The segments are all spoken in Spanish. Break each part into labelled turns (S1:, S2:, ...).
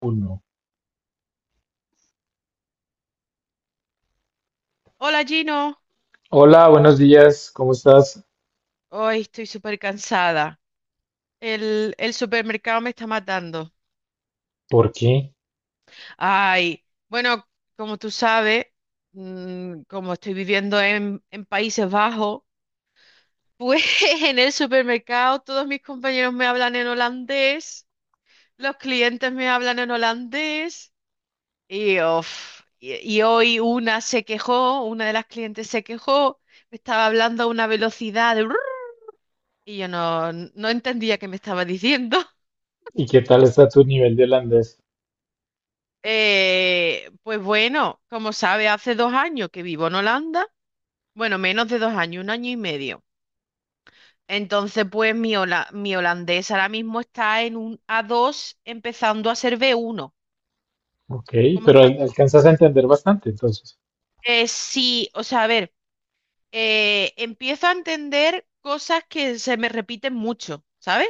S1: Uno.
S2: Hola Gino,
S1: Hola, buenos días, ¿cómo estás?
S2: hoy estoy súper cansada. El supermercado me está matando.
S1: ¿Por qué?
S2: Ay, bueno, como tú sabes, como estoy viviendo en Países Bajos, pues en el supermercado todos mis compañeros me hablan en holandés, los clientes me hablan en holandés y, uf, y hoy una se quejó, una de las clientes se quejó, me estaba hablando a una velocidad de. Y yo no entendía qué me estaba diciendo.
S1: ¿Y qué tal está tu nivel de holandés?
S2: Pues bueno, como sabe, hace 2 años que vivo en Holanda. Bueno, menos de 2 años, un año y medio. Entonces, pues mi holandés ahora mismo está en un A2 empezando a ser B1.
S1: Ok,
S2: ¿Cómo
S1: pero
S2: estás tú?
S1: alcanzas a entender bastante, entonces.
S2: Sí, o sea, a ver, empiezo a entender cosas que se me repiten mucho, ¿sabes?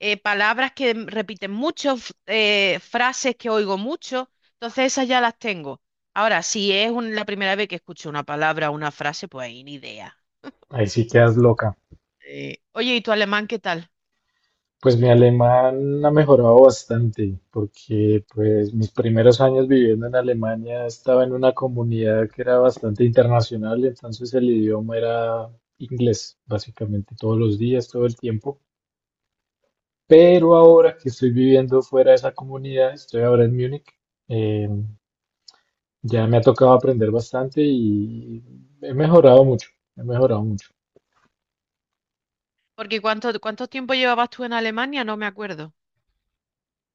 S2: Palabras que repiten mucho, frases que oigo mucho, entonces esas ya las tengo. Ahora, si es la primera vez que escucho una palabra o una frase, pues ahí ni idea.
S1: Ahí sí quedas loca.
S2: Oye, ¿y tu alemán qué tal?
S1: Pues mi alemán ha mejorado bastante,
S2: Ujú.
S1: porque pues mis primeros años viviendo en Alemania estaba en una comunidad que era bastante internacional, entonces el idioma era inglés, básicamente todos los días, todo el tiempo. Pero ahora que estoy viviendo fuera de esa comunidad, estoy ahora en Múnich. em, Ya me ha tocado aprender bastante y he mejorado mucho, he mejorado mucho.
S2: ¿Porque ¿cuánto tiempo llevabas tú en Alemania? No me acuerdo.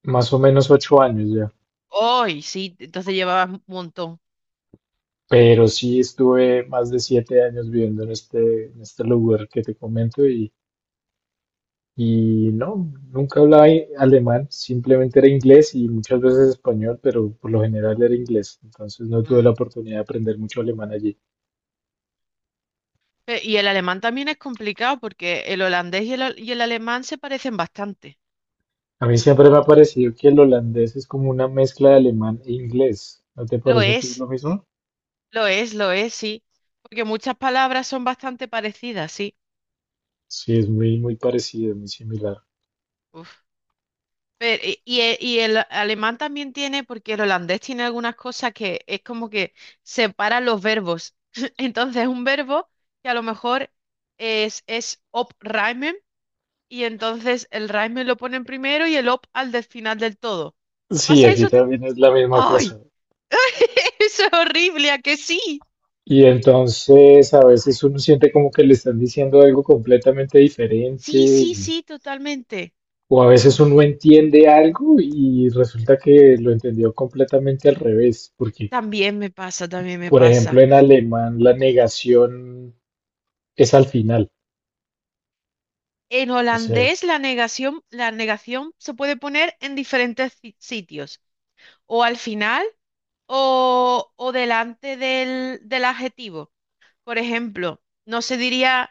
S1: Más o menos 8 años ya.
S2: Hoy, sí, entonces llevabas un montón.
S1: Pero sí estuve más de 7 años viviendo en este lugar que te comento y no, nunca hablaba alemán, simplemente era inglés y muchas veces español, pero por lo general era inglés. Entonces no tuve
S2: Mm.
S1: la oportunidad de aprender mucho alemán allí.
S2: Y el alemán también es complicado porque el holandés y el alemán se parecen bastante.
S1: A mí siempre me ha parecido que el holandés es como una mezcla de alemán e inglés. ¿No te
S2: Lo
S1: parece a ti lo
S2: es,
S1: mismo?
S2: lo es, lo es, sí. Porque muchas palabras son bastante parecidas, sí.
S1: Sí, es muy, muy parecido, muy similar.
S2: Uf. Pero, y el alemán también tiene, porque el holandés tiene algunas cosas que es como que separa los verbos. Entonces, un verbo que a lo mejor es op reimen, y entonces el reimen lo ponen primero y el op al del final del todo.
S1: Sí,
S2: ¿Pasa
S1: aquí
S2: eso también?
S1: también es la misma
S2: ¡Ay!
S1: cosa.
S2: Eso es horrible, ¿a que sí?
S1: Y entonces a veces uno siente como que le están diciendo algo completamente diferente
S2: Sí, sí, sí, totalmente.
S1: o a veces
S2: Uf.
S1: uno entiende algo y resulta que lo entendió completamente al revés, porque
S2: También me pasa, también me
S1: por ejemplo
S2: pasa.
S1: en alemán la negación es al final.
S2: En
S1: O sea,
S2: holandés la negación se puede poner en diferentes sitios, o al final o delante del adjetivo. Por ejemplo, no se diría,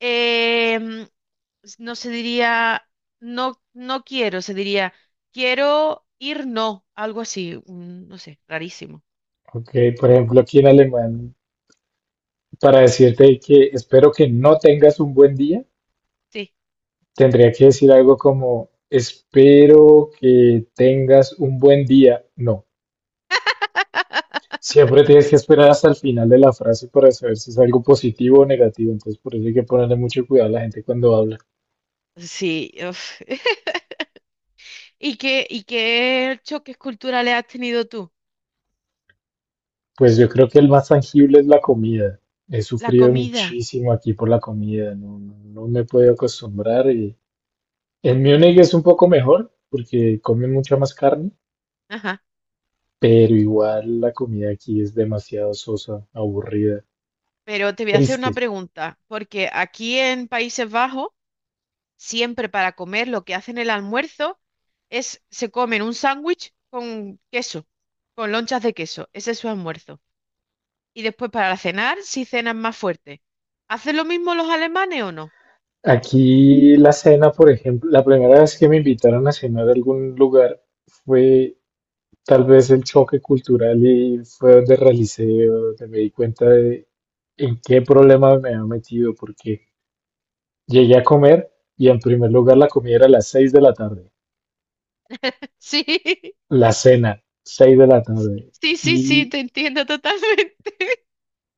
S2: em, s- no se diría, no, no quiero, se diría, quiero ir, no, algo así, no sé, rarísimo.
S1: ok, por ejemplo aquí en alemán para decirte que espero que no tengas un buen día,
S2: Sí,
S1: tendría que decir algo como espero que tengas un buen día. No. Siempre tienes que esperar hasta el final de la frase para saber si es algo positivo o negativo, entonces por eso hay que ponerle mucho cuidado a la gente cuando habla.
S2: sí. Uf. ¿Y qué choques culturales has tenido tú?
S1: Pues yo creo que el más tangible es la comida. He
S2: La
S1: sufrido
S2: comida.
S1: muchísimo aquí por la comida, no, no me he podido acostumbrar y en Múnich es un poco mejor porque comen mucha más carne,
S2: Ajá,
S1: pero igual la comida aquí es demasiado sosa, aburrida,
S2: pero te voy a hacer
S1: triste.
S2: una pregunta, porque aquí en Países Bajos, siempre para comer lo que hacen el almuerzo se comen un sándwich con queso, con lonchas de queso, ese es su almuerzo. Y después para cenar, si cenan más fuerte. ¿Hacen lo mismo los alemanes o no?
S1: Aquí la cena, por ejemplo, la primera vez que me invitaron a cenar a algún lugar fue tal vez el choque cultural y fue donde realicé, donde me di cuenta de en qué problema me había metido, porque llegué a comer y en primer lugar la comida era a las 6 de la tarde, la cena, 6 de la tarde.
S2: Sí, sí, sí, sí,
S1: Y
S2: te entiendo totalmente.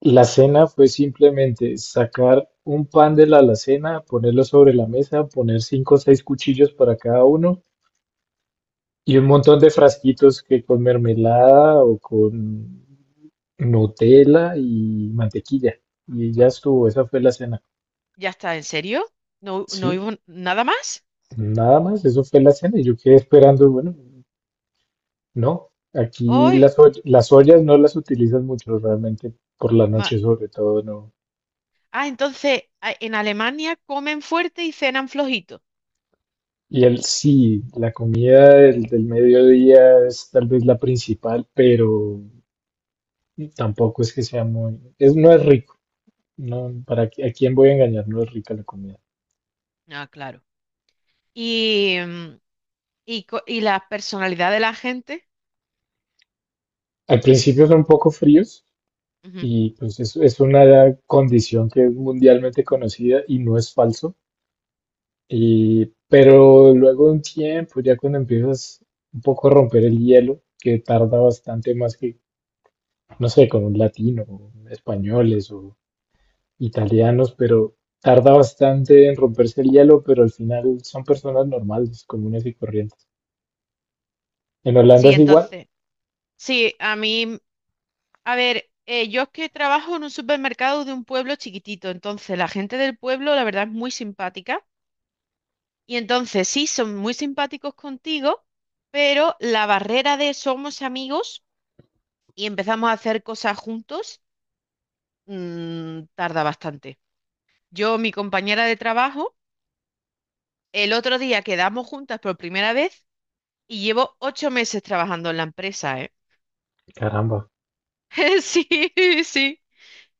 S1: la cena fue simplemente sacar un pan de la alacena, ponerlo sobre la mesa, poner cinco o seis cuchillos para cada uno y un montón de frasquitos que con mermelada o con Nutella y mantequilla. Y ya estuvo, esa fue la cena.
S2: ¿Ya está? ¿En serio? ¿No, no
S1: Sí,
S2: hubo nada más?
S1: nada más, eso fue la cena. Y yo quedé esperando, bueno, no, aquí
S2: ¡Ay!
S1: las, las ollas no las utilizan mucho realmente por la
S2: ma-
S1: noche sobre todo, no.
S2: Ah, entonces, en Alemania comen fuerte y cenan flojito.
S1: Y el sí, la comida del mediodía es tal vez la principal, pero tampoco es que sea muy, es, no es rico. No, para, ¿a quién voy a engañar? No es rica la comida.
S2: Ah, claro. y, mm, y la personalidad de la gente.
S1: Al principio son poco fríos
S2: Ujú.
S1: y pues es, una condición que es mundialmente conocida y no es falso. Y, pero luego de un tiempo, ya cuando empiezas un poco a romper el hielo, que tarda bastante más que, no sé, con un latino, o españoles o italianos, pero tarda bastante en romperse el hielo, pero al final son personas normales, comunes y corrientes. En Holanda
S2: Sí,
S1: es igual,
S2: entonces, sí, a mí, a ver, yo es que trabajo en un supermercado de un pueblo chiquitito, entonces la gente del pueblo, la verdad, es muy simpática. Y entonces, sí, son muy simpáticos contigo, pero la barrera de somos amigos y empezamos a hacer cosas juntos, tarda bastante. Yo, mi compañera de trabajo, el otro día quedamos juntas por primera vez. Y llevo 8 meses trabajando en la empresa, ¿eh?
S1: caramba.
S2: Sí, sí.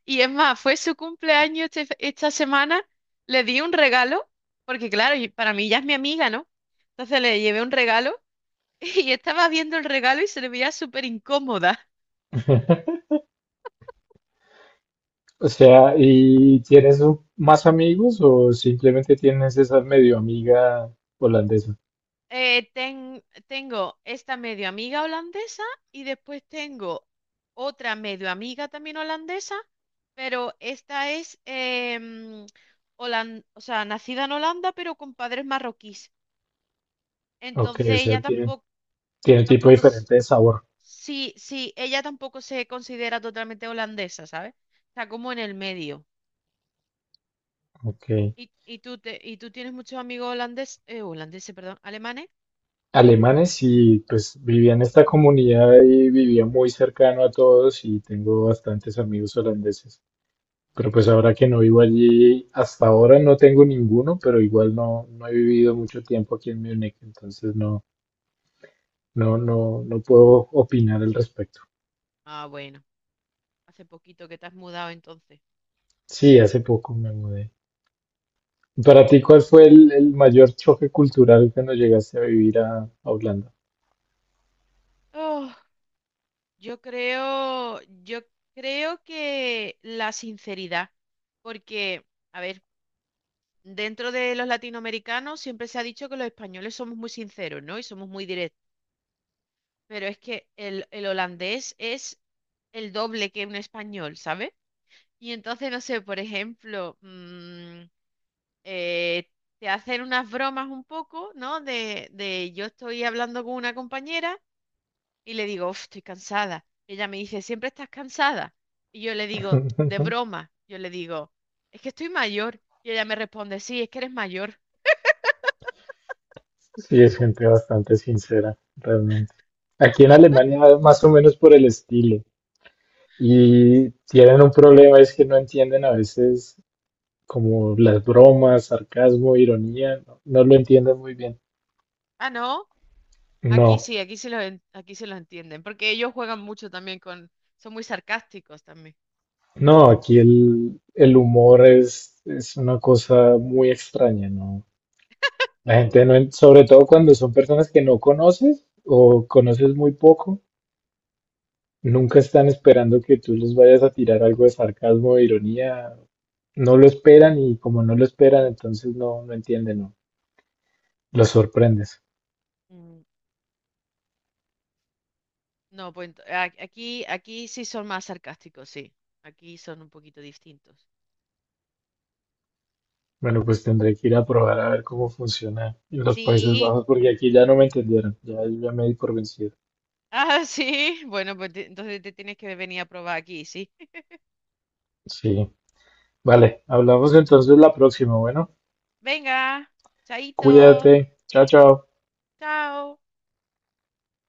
S2: Y es más, fue su cumpleaños esta semana. Le di un regalo, porque claro, y para mí ya es mi amiga, ¿no? Entonces le llevé un regalo y estaba viendo el regalo y se le veía súper incómoda.
S1: O sea, ¿y tienes más amigos o simplemente tienes esa medio amiga holandesa?
S2: Tengo esta medio amiga holandesa y después tengo otra medio amiga también holandesa, pero esta es, o sea, nacida en Holanda, pero con padres marroquíes.
S1: Ok,
S2: Entonces
S1: o sea,
S2: ella
S1: tiene,
S2: tampoco,
S1: tiene tipo
S2: tampoco, s-
S1: diferente de sabor.
S2: sí, sí, ella tampoco se considera totalmente holandesa, ¿sabes? Está como en el medio.
S1: Ok.
S2: ¿Y tú tienes muchos amigos holandeses, holandeses, perdón, alemanes?
S1: Alemanes y pues vivía en esta comunidad y vivía muy cercano a todos y tengo bastantes amigos holandeses. Pero pues ahora que no vivo allí, hasta ahora no tengo ninguno, pero igual no, no he vivido mucho tiempo aquí en Múnich, entonces no, no, no, no puedo opinar al respecto.
S2: Ah, bueno, hace poquito que te has mudado entonces.
S1: Sí, hace poco me mudé. Para ti, ¿cuál fue el mayor choque cultural cuando llegaste a vivir a Holanda?
S2: Oh. Yo creo que la sinceridad, porque, a ver, dentro de los latinoamericanos siempre se ha dicho que los españoles somos muy sinceros, ¿no? Y somos muy directos, pero es que el holandés es el doble que un español, ¿sabes? Y entonces, no sé, por ejemplo, eh, te hacen unas bromas un poco, ¿no? De yo estoy hablando con una compañera. Y le digo: "Uf, estoy cansada". Y ella me dice: ¿siempre estás cansada? Y yo le digo, de broma, yo le digo: es que estoy mayor. Y ella me responde: sí, es que eres mayor.
S1: Sí, es gente bastante sincera, realmente. Aquí en Alemania, más o menos por el estilo. Y tienen un problema, es que no entienden a veces como las bromas, sarcasmo, ironía, no, no lo entienden muy bien.
S2: Ah, no, aquí
S1: No,
S2: sí, aquí sí los, en- aquí sí los entienden, porque ellos juegan mucho también son muy sarcásticos también.
S1: no, aquí el humor es una cosa muy extraña, ¿no? La gente no, sobre todo cuando son personas que no conoces o conoces muy poco, nunca están esperando que tú les vayas a tirar algo de sarcasmo o ironía. No lo esperan y como no lo esperan, entonces no, no entienden, no. Los sorprendes.
S2: Mm, No, pues aquí sí son más sarcásticos, sí. Aquí son un poquito distintos.
S1: Bueno, pues tendré que ir a probar a ver cómo funciona en los Países
S2: Sí,
S1: Bajos porque aquí ya no me entendieron. Ya, ya me di por vencido.
S2: ah, sí. Bueno, pues entonces te tienes que venir a probar aquí, sí.
S1: Sí. Vale, hablamos entonces la próxima. Bueno,
S2: Venga, chaito,
S1: cuídate. Chao, chao.
S2: chao.